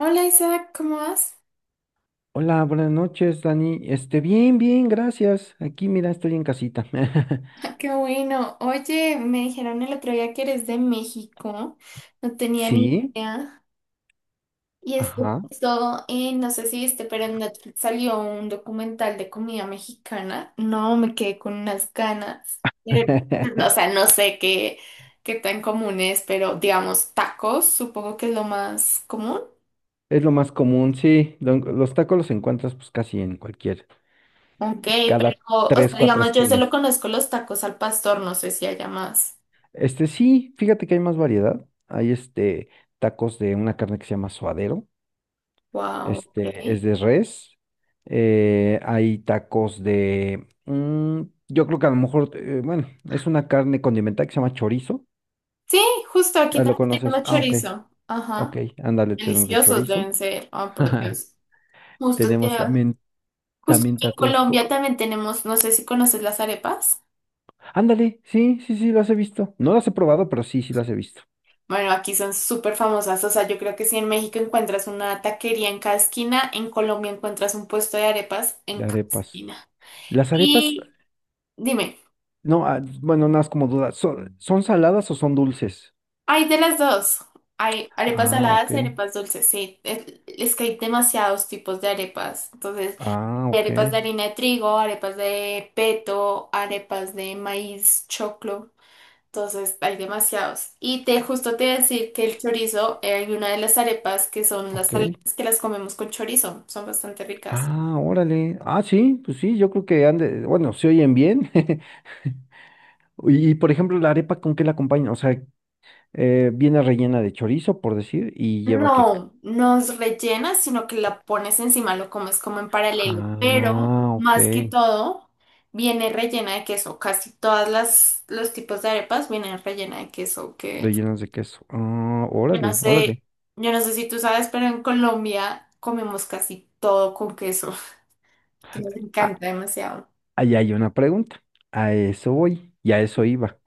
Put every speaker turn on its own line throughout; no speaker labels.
Hola Isaac, ¿cómo vas?
Hola, buenas noches, Dani. Bien, gracias. Aquí, mira, estoy en casita.
Qué bueno. Oye, me dijeron el otro día que eres de México. No tenía ni
Sí,
idea. Y es que
ajá.
justo, no sé si viste, pero en Netflix salió un documental de comida mexicana. No, me quedé con unas ganas. Pero, o sea, no sé qué, qué tan común es, pero digamos, tacos, supongo que es lo más común.
Es lo más común, sí. Los tacos los encuentras pues casi en cualquier,
Ok, pero,
cada
o
tres,
sea,
cuatro
digamos, yo solo
esquinas.
conozco los tacos al pastor, no sé si haya más.
Sí, fíjate que hay más variedad. Hay tacos de una carne que se llama suadero.
Wow,
Es
ok.
de res. Hay tacos de, yo creo que a lo mejor, bueno, es una carne condimentada que se llama chorizo.
Sí, justo aquí
Ah, ¿lo
también
conoces?
tenemos
Ah, ok.
chorizo.
Ok,
Ajá.
ándale, tenemos de
Deliciosos
chorizo.
deben ser. Oh, por Dios. Justo que,
Tenemos también,
justo
también
aquí en
tacos.
Colombia también tenemos, no sé si conoces las arepas.
Ándale, sí, sí, sí, las he visto. No las he probado, pero sí, sí las he visto.
Bueno, aquí son súper famosas. O sea, yo creo que si en México encuentras una taquería en cada esquina, en Colombia encuentras un puesto de arepas en
De
cada
arepas.
esquina.
Las arepas,
Y dime,
no, ah, bueno, nada más como duda. ¿Son, son saladas o son dulces?
hay de las dos. Hay arepas
Ah,
saladas
ok.
y arepas dulces. Sí, es que hay demasiados tipos de arepas. Entonces,
Ah,
hay
ok.
arepas de harina de trigo, arepas de peto, arepas de maíz, choclo. Entonces hay demasiados. Y te justo te iba a decir que el chorizo, hay una de las arepas que son las
Ok.
saladas que las comemos con chorizo. Son bastante ricas.
Ah, órale. Ah, sí, pues sí, yo creo que ande, bueno, se oyen bien. Y, por ejemplo, la arepa, ¿con qué la acompaña? O sea, viene rellena de chorizo, por decir, y lleva que
No, no es rellena, sino que la pones encima, lo comes como en paralelo. Pero
ah, ok.
más que todo, viene rellena de queso. Casi todas las los tipos de arepas vienen rellena de queso. Que
Rellenos de queso. Ah,
Yo no
órale, órale.
sé, yo no sé si tú sabes, pero en Colombia comemos casi todo con queso, que nos
Ah,
encanta demasiado.
ahí hay una pregunta. A eso voy. Y a eso iba.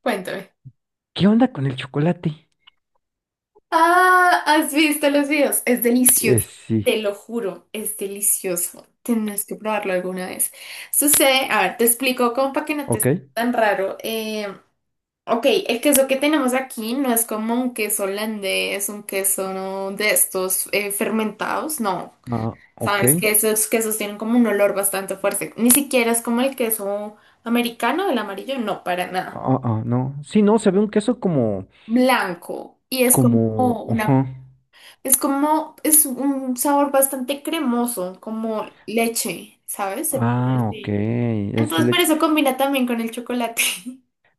Cuéntame.
¿Qué onda con el chocolate?
Ah, ¿has visto los videos? Es delicioso.
Sí.
Te lo juro, es delicioso. Tienes que probarlo alguna vez. Sucede, a ver, te explico como para que no te
Ok.
esté tan raro. Ok, el queso que tenemos aquí no es como un queso holandés, un queso, ¿no?, de estos, fermentados, no.
Ah, ok.
Sabes que esos quesos tienen como un olor bastante fuerte. Ni siquiera es como el queso americano, el amarillo, no, para nada.
Ah, ah, no. Sí, no, se ve un queso como,
Blanco. Y es como
como,
una,
ajá.
es como, es un sabor bastante cremoso, como leche, ¿sabes? Se puede
Ah, ok.
decir.
Es de
Entonces, por
leche.
eso combina también con el chocolate.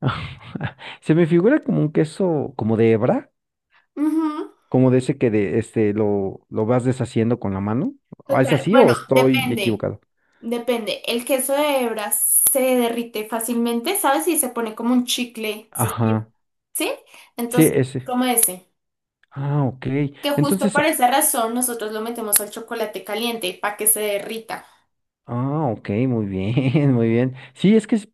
Se me figura como un queso, como de hebra,
Ujú.
como de ese que de, lo vas deshaciendo con la mano. Ah, ¿es
Total.
así o
Bueno,
estoy
depende,
equivocado?
depende. El queso de hebra se derrite fácilmente, ¿sabes? Y se pone como un chicle, se estira,
Ajá.
¿sí?
Sí,
Entonces,
ese.
como ese,
Ah, ok.
que justo
Entonces,
por
ah,
esa razón nosotros lo metemos al chocolate caliente para que se derrita.
ah, ok, muy bien, muy bien. Sí, es que,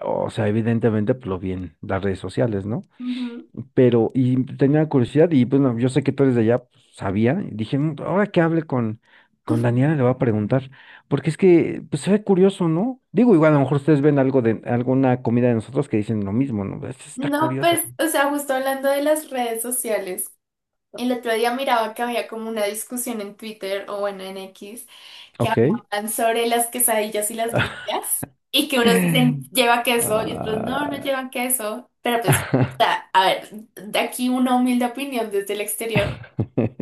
o sea, evidentemente, pues lo vi en las redes sociales, ¿no?
Ujú.
Pero, y tenía curiosidad, y bueno, yo sé que tú eres de allá, pues, sabía, y dije, "Mm, ahora que hable con Daniela, le voy a preguntar, porque es que, pues se ve curioso, ¿no? Digo, igual a lo mejor ustedes ven algo de alguna comida de nosotros que dicen lo mismo, ¿no? Esto está
No,
curioso".
pues, o sea, justo hablando de las redes sociales, el otro día miraba que había como una discusión en Twitter o bueno, en X, que
Ok.
hablaban sobre las quesadillas y las grillas y que unos dicen lleva queso y otros no, no
Ah,
llevan queso, pero pues, o sea, a ver, de aquí una humilde opinión desde el exterior,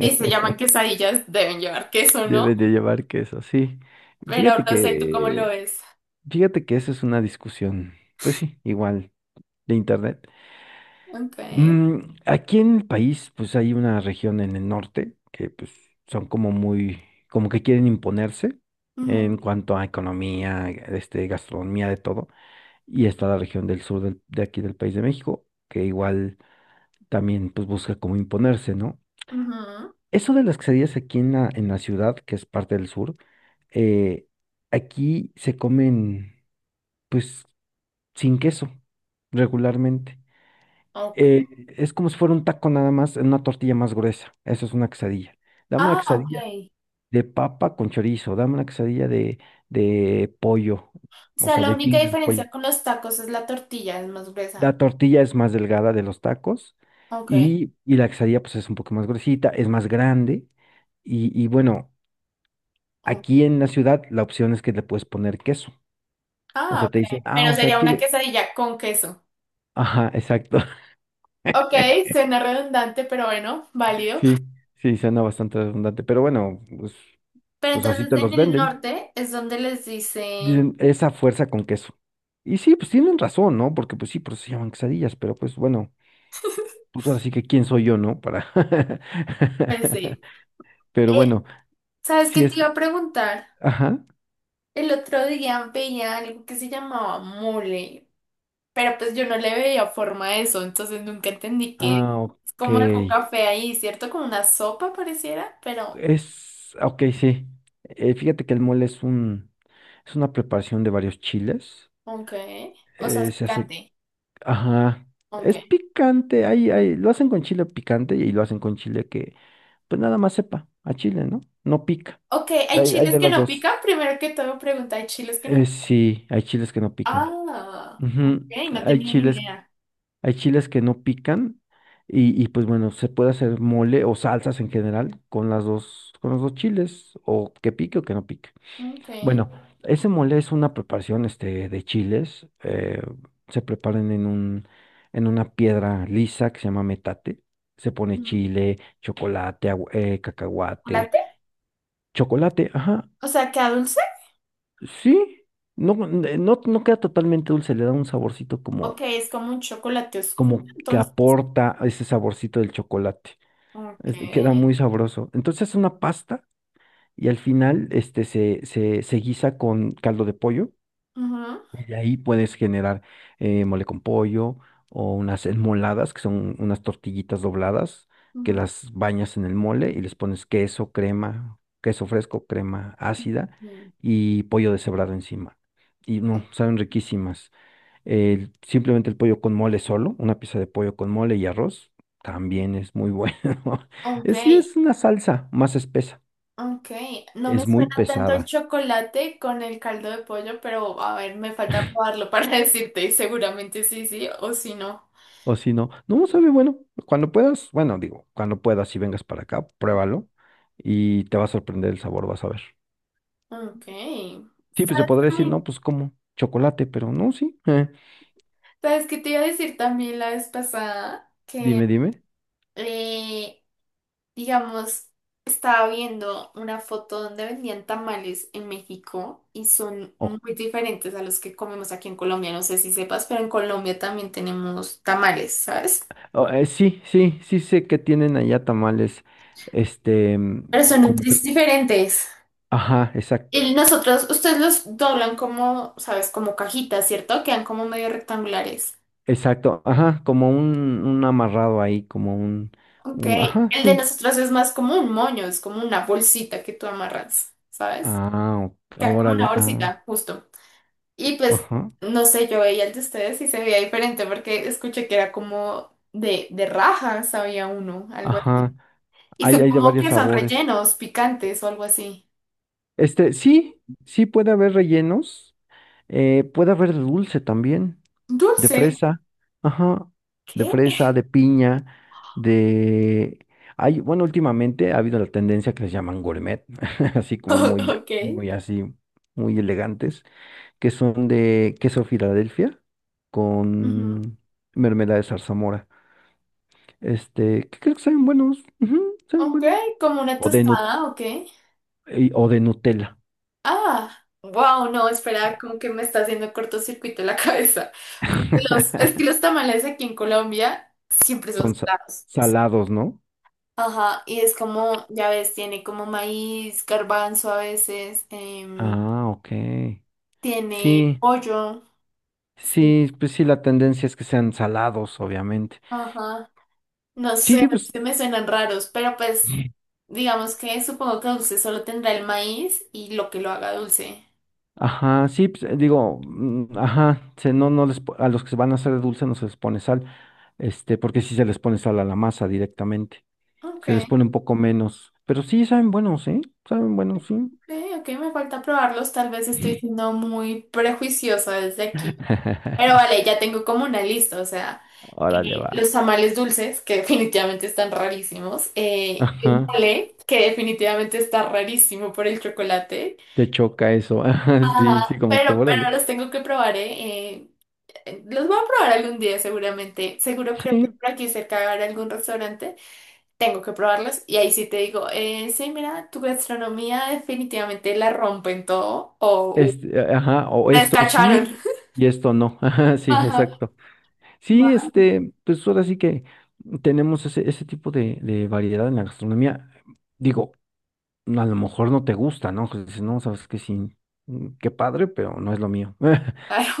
si se llaman quesadillas, deben llevar queso, ¿no?
debe de llevar queso, sí.
Pero
Fíjate
no sé, ¿tú cómo lo
que,
ves?
fíjate que eso es una discusión, pues sí, igual, de internet.
Ok.
Mm, aquí en el país, pues hay una región en el norte que pues son como muy, como que quieren imponerse en
Ujú,
cuanto a economía, gastronomía, de todo. Y está la región del sur de aquí del país de México, que igual también pues busca como imponerse, ¿no?
ujú.
Eso de las quesadillas aquí en la ciudad, que es parte del sur, eh, aquí se comen pues sin queso regularmente.
Ok.
Eh, es como si fuera un taco nada más, en una tortilla más gruesa. Eso es una quesadilla. Dame una
Ah,
quesadilla
ok.
de papa con chorizo, dame una quesadilla de pollo,
O
o
sea,
sea,
la
de
única
tinga de pollo.
diferencia con los tacos es la tortilla, es más
La
gruesa.
tortilla es más delgada de los tacos
Ok.
y la quesadilla pues es un poco más gruesita, es más grande y bueno.
Oh.
Aquí en la ciudad la opción es que le puedes poner queso. O
Ah,
sea, te
ok.
dicen, ah,
Pero
o sea,
sería una
quiere...
quesadilla con queso.
Ajá, exacto.
Ok, suena redundante, pero bueno, válido.
Sí, sí, suena bastante redundante. Pero bueno, pues,
Pero
pues así
entonces
te
en
los
el
venden.
norte es donde les dicen...
Dicen, esa fuerza con queso. Y sí, pues tienen razón, ¿no? Porque pues sí, por eso se llaman quesadillas, pero pues bueno, pues ahora sí que quién soy yo, ¿no? Para...
Pues sí.
Pero
Eh,
bueno,
¿Sabes qué
si
te iba
es...
a preguntar?
Ajá.
El otro día veía algo que se llamaba mole. Pero pues yo no le veía forma a eso, entonces nunca entendí que
Ah,
es
ok.
como algo café ahí, ¿cierto? Como una sopa pareciera, pero
Es, ah, ok, sí. Fíjate que el mole es un, es una preparación de varios chiles.
ok. O sea, es
Se hace,
picante.
ajá,
Ok.
es picante. Ahí, lo hacen con chile picante y lo hacen con chile que, pues nada más sepa a chile, ¿no? No pica.
Ok, ¿hay
Hay
chiles
de
que
las
no
dos.
pican? Primero que todo pregunta, ¿hay chiles que no pican?
Sí, hay chiles que no pican.
Ah, ok,
Ujú,
no
hay
tenía ni
chiles,
idea.
hay chiles que no pican y pues bueno, se puede hacer mole o salsas en general con las dos, con los dos chiles o que pique o que no pique.
Ok.
Bueno, ese mole es una preparación de chiles. Se preparan en un, en una piedra lisa que se llama metate. Se pone
Mm.
chile, chocolate, cacahuate.
¿Chocolate?
Chocolate, ajá.
O sea, ¿queda dulce?
Sí, no, no, no queda totalmente dulce, le da un saborcito como,
Ok, es como un chocolate oscuro,
como que
entonces.
aporta a ese saborcito del chocolate.
Ok.
Queda muy sabroso. Entonces es una pasta y al final se guisa con caldo de pollo.
Ujú,
Y ahí puedes generar mole con pollo o unas enmoladas, que son unas tortillitas dobladas, que
ujú,
las bañas en el mole y les pones queso, crema, queso fresco, crema ácida
sí.
y pollo deshebrado encima. Y no, saben riquísimas. Simplemente el pollo con mole solo, una pieza de pollo con mole y arroz,
Ujú.
también es muy bueno.
Ok,
Es, sí, es una salsa más espesa,
ok, no me
es muy
suena tanto el
pesada.
chocolate con el caldo de pollo, pero a ver, me falta probarlo para decirte y seguramente sí, sí o sí no.
O si no, no sabe, bueno, cuando puedas, bueno, digo, cuando puedas y vengas para acá, pruébalo y te va a sorprender el sabor, vas a ver.
Ok,
Sí, pues se
¿sabes
podría decir, no,
también?
pues como chocolate, pero no, sí.
¿Sabes qué te iba a decir también la vez pasada? Que,
Dime, dime.
eh, digamos, estaba viendo una foto donde vendían tamales en México y son
Oh,
muy diferentes a los que comemos aquí en Colombia. No sé si sepas, pero en Colombia también tenemos tamales, ¿sabes?
oh, sí, sí, sí sé que tienen allá tamales,
Pero son un
como que,
tris diferentes.
ajá, exacto,
Y nosotros, ustedes los doblan como, ¿sabes?, como cajitas, ¿cierto? Quedan como medio rectangulares.
exacto, ajá, como un amarrado ahí, como
Ok.
un, ajá,
El de
sí.
nosotros es más como un moño, es como una bolsita que tú amarras, ¿sabes?
Ah, ok,
Queda como una
órale, ah,
bolsita, justo. Y pues,
ajá,
no sé, yo veía el de ustedes y se veía diferente porque escuché que era como de rajas, había uno, algo así.
ajá.
Y
Hay,
son
hay de
como
varios
que son
sabores.
rellenos, picantes o algo así.
Sí, sí puede haber rellenos, puede haber de dulce también, de
Dulce.
fresa, ajá, de
¿Qué?
fresa, de piña, de... Hay, bueno, últimamente ha habido la tendencia que les llaman gourmet, así como muy,
Ok.
muy así, muy elegantes, que son de queso Filadelfia
Ujú.
con mermelada de zarzamora. Que creo que saben buenos, ujú, saben
Ok,
buenos.
como una
O de,
tostada, ok.
o de Nutella.
Ah, wow, no, espera, como que me está haciendo cortocircuito la cabeza. Porque los- es que los tamales aquí en Colombia siempre son
Son
salados.
salados, ¿no?
Ajá, y es como, ya ves, tiene como maíz, garbanzo a veces,
Ah, ok.
tiene
Sí,
pollo. Sí,
sí, pues sí, la tendencia es que sean salados, obviamente.
ajá. No
Sí,
sé,
pues,
se me suenan raros, pero pues digamos que supongo que dulce solo tendrá el maíz y lo que lo haga dulce.
ajá, sí, pues, digo, ajá, no, a los que se van a hacer de dulce no se les pone sal, porque sí se les pone sal a la masa directamente.
Ok.
Se les pone un poco menos, pero sí saben buenos, ¿eh? Saben buenos, sí.
Ok, ok, me falta probarlos. Tal vez estoy siendo muy prejuiciosa desde aquí. Pero vale, ya tengo como una lista, o sea,
Órale, va.
los tamales dulces, que definitivamente están rarísimos, el
Ajá,
mole, que definitivamente está rarísimo por el chocolate.
te choca eso. Ajá,
Ajá,
sí, sí, como que
pero
órale.
los tengo que probar, ¿eh? Los voy a probar algún día seguramente, seguro creo que
Sí,
por aquí cerca habrá algún restaurante, tengo que probarlos y ahí sí te digo, sí, mira, tu gastronomía definitivamente la rompen todo o
Ajá, o
les
esto
cacharon.
sí y esto no. Ajá, sí,
Ajá,
exacto. Sí,
va,
pues ahora sí que tenemos ese, ese tipo de variedad en la gastronomía. Digo, a lo mejor no te gusta, ¿no? Pues dices, no, sabes que sí, qué padre, pero no es lo mío.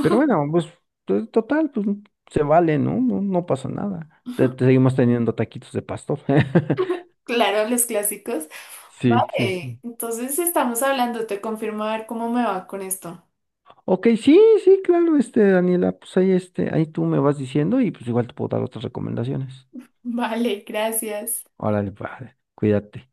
Pero bueno, pues total, pues se vale, ¿no? No, no pasa nada. Te seguimos teniendo taquitos de pastor.
claro, los clásicos.
Sí, sí, sí.
Vale, entonces estamos hablando, te confirmo a ver cómo me va con esto.
Ok, sí, sí, claro, Daniela, pues ahí, ahí tú me vas diciendo y pues igual te puedo dar otras recomendaciones.
Vale, gracias.
Órale, padre, cuídate.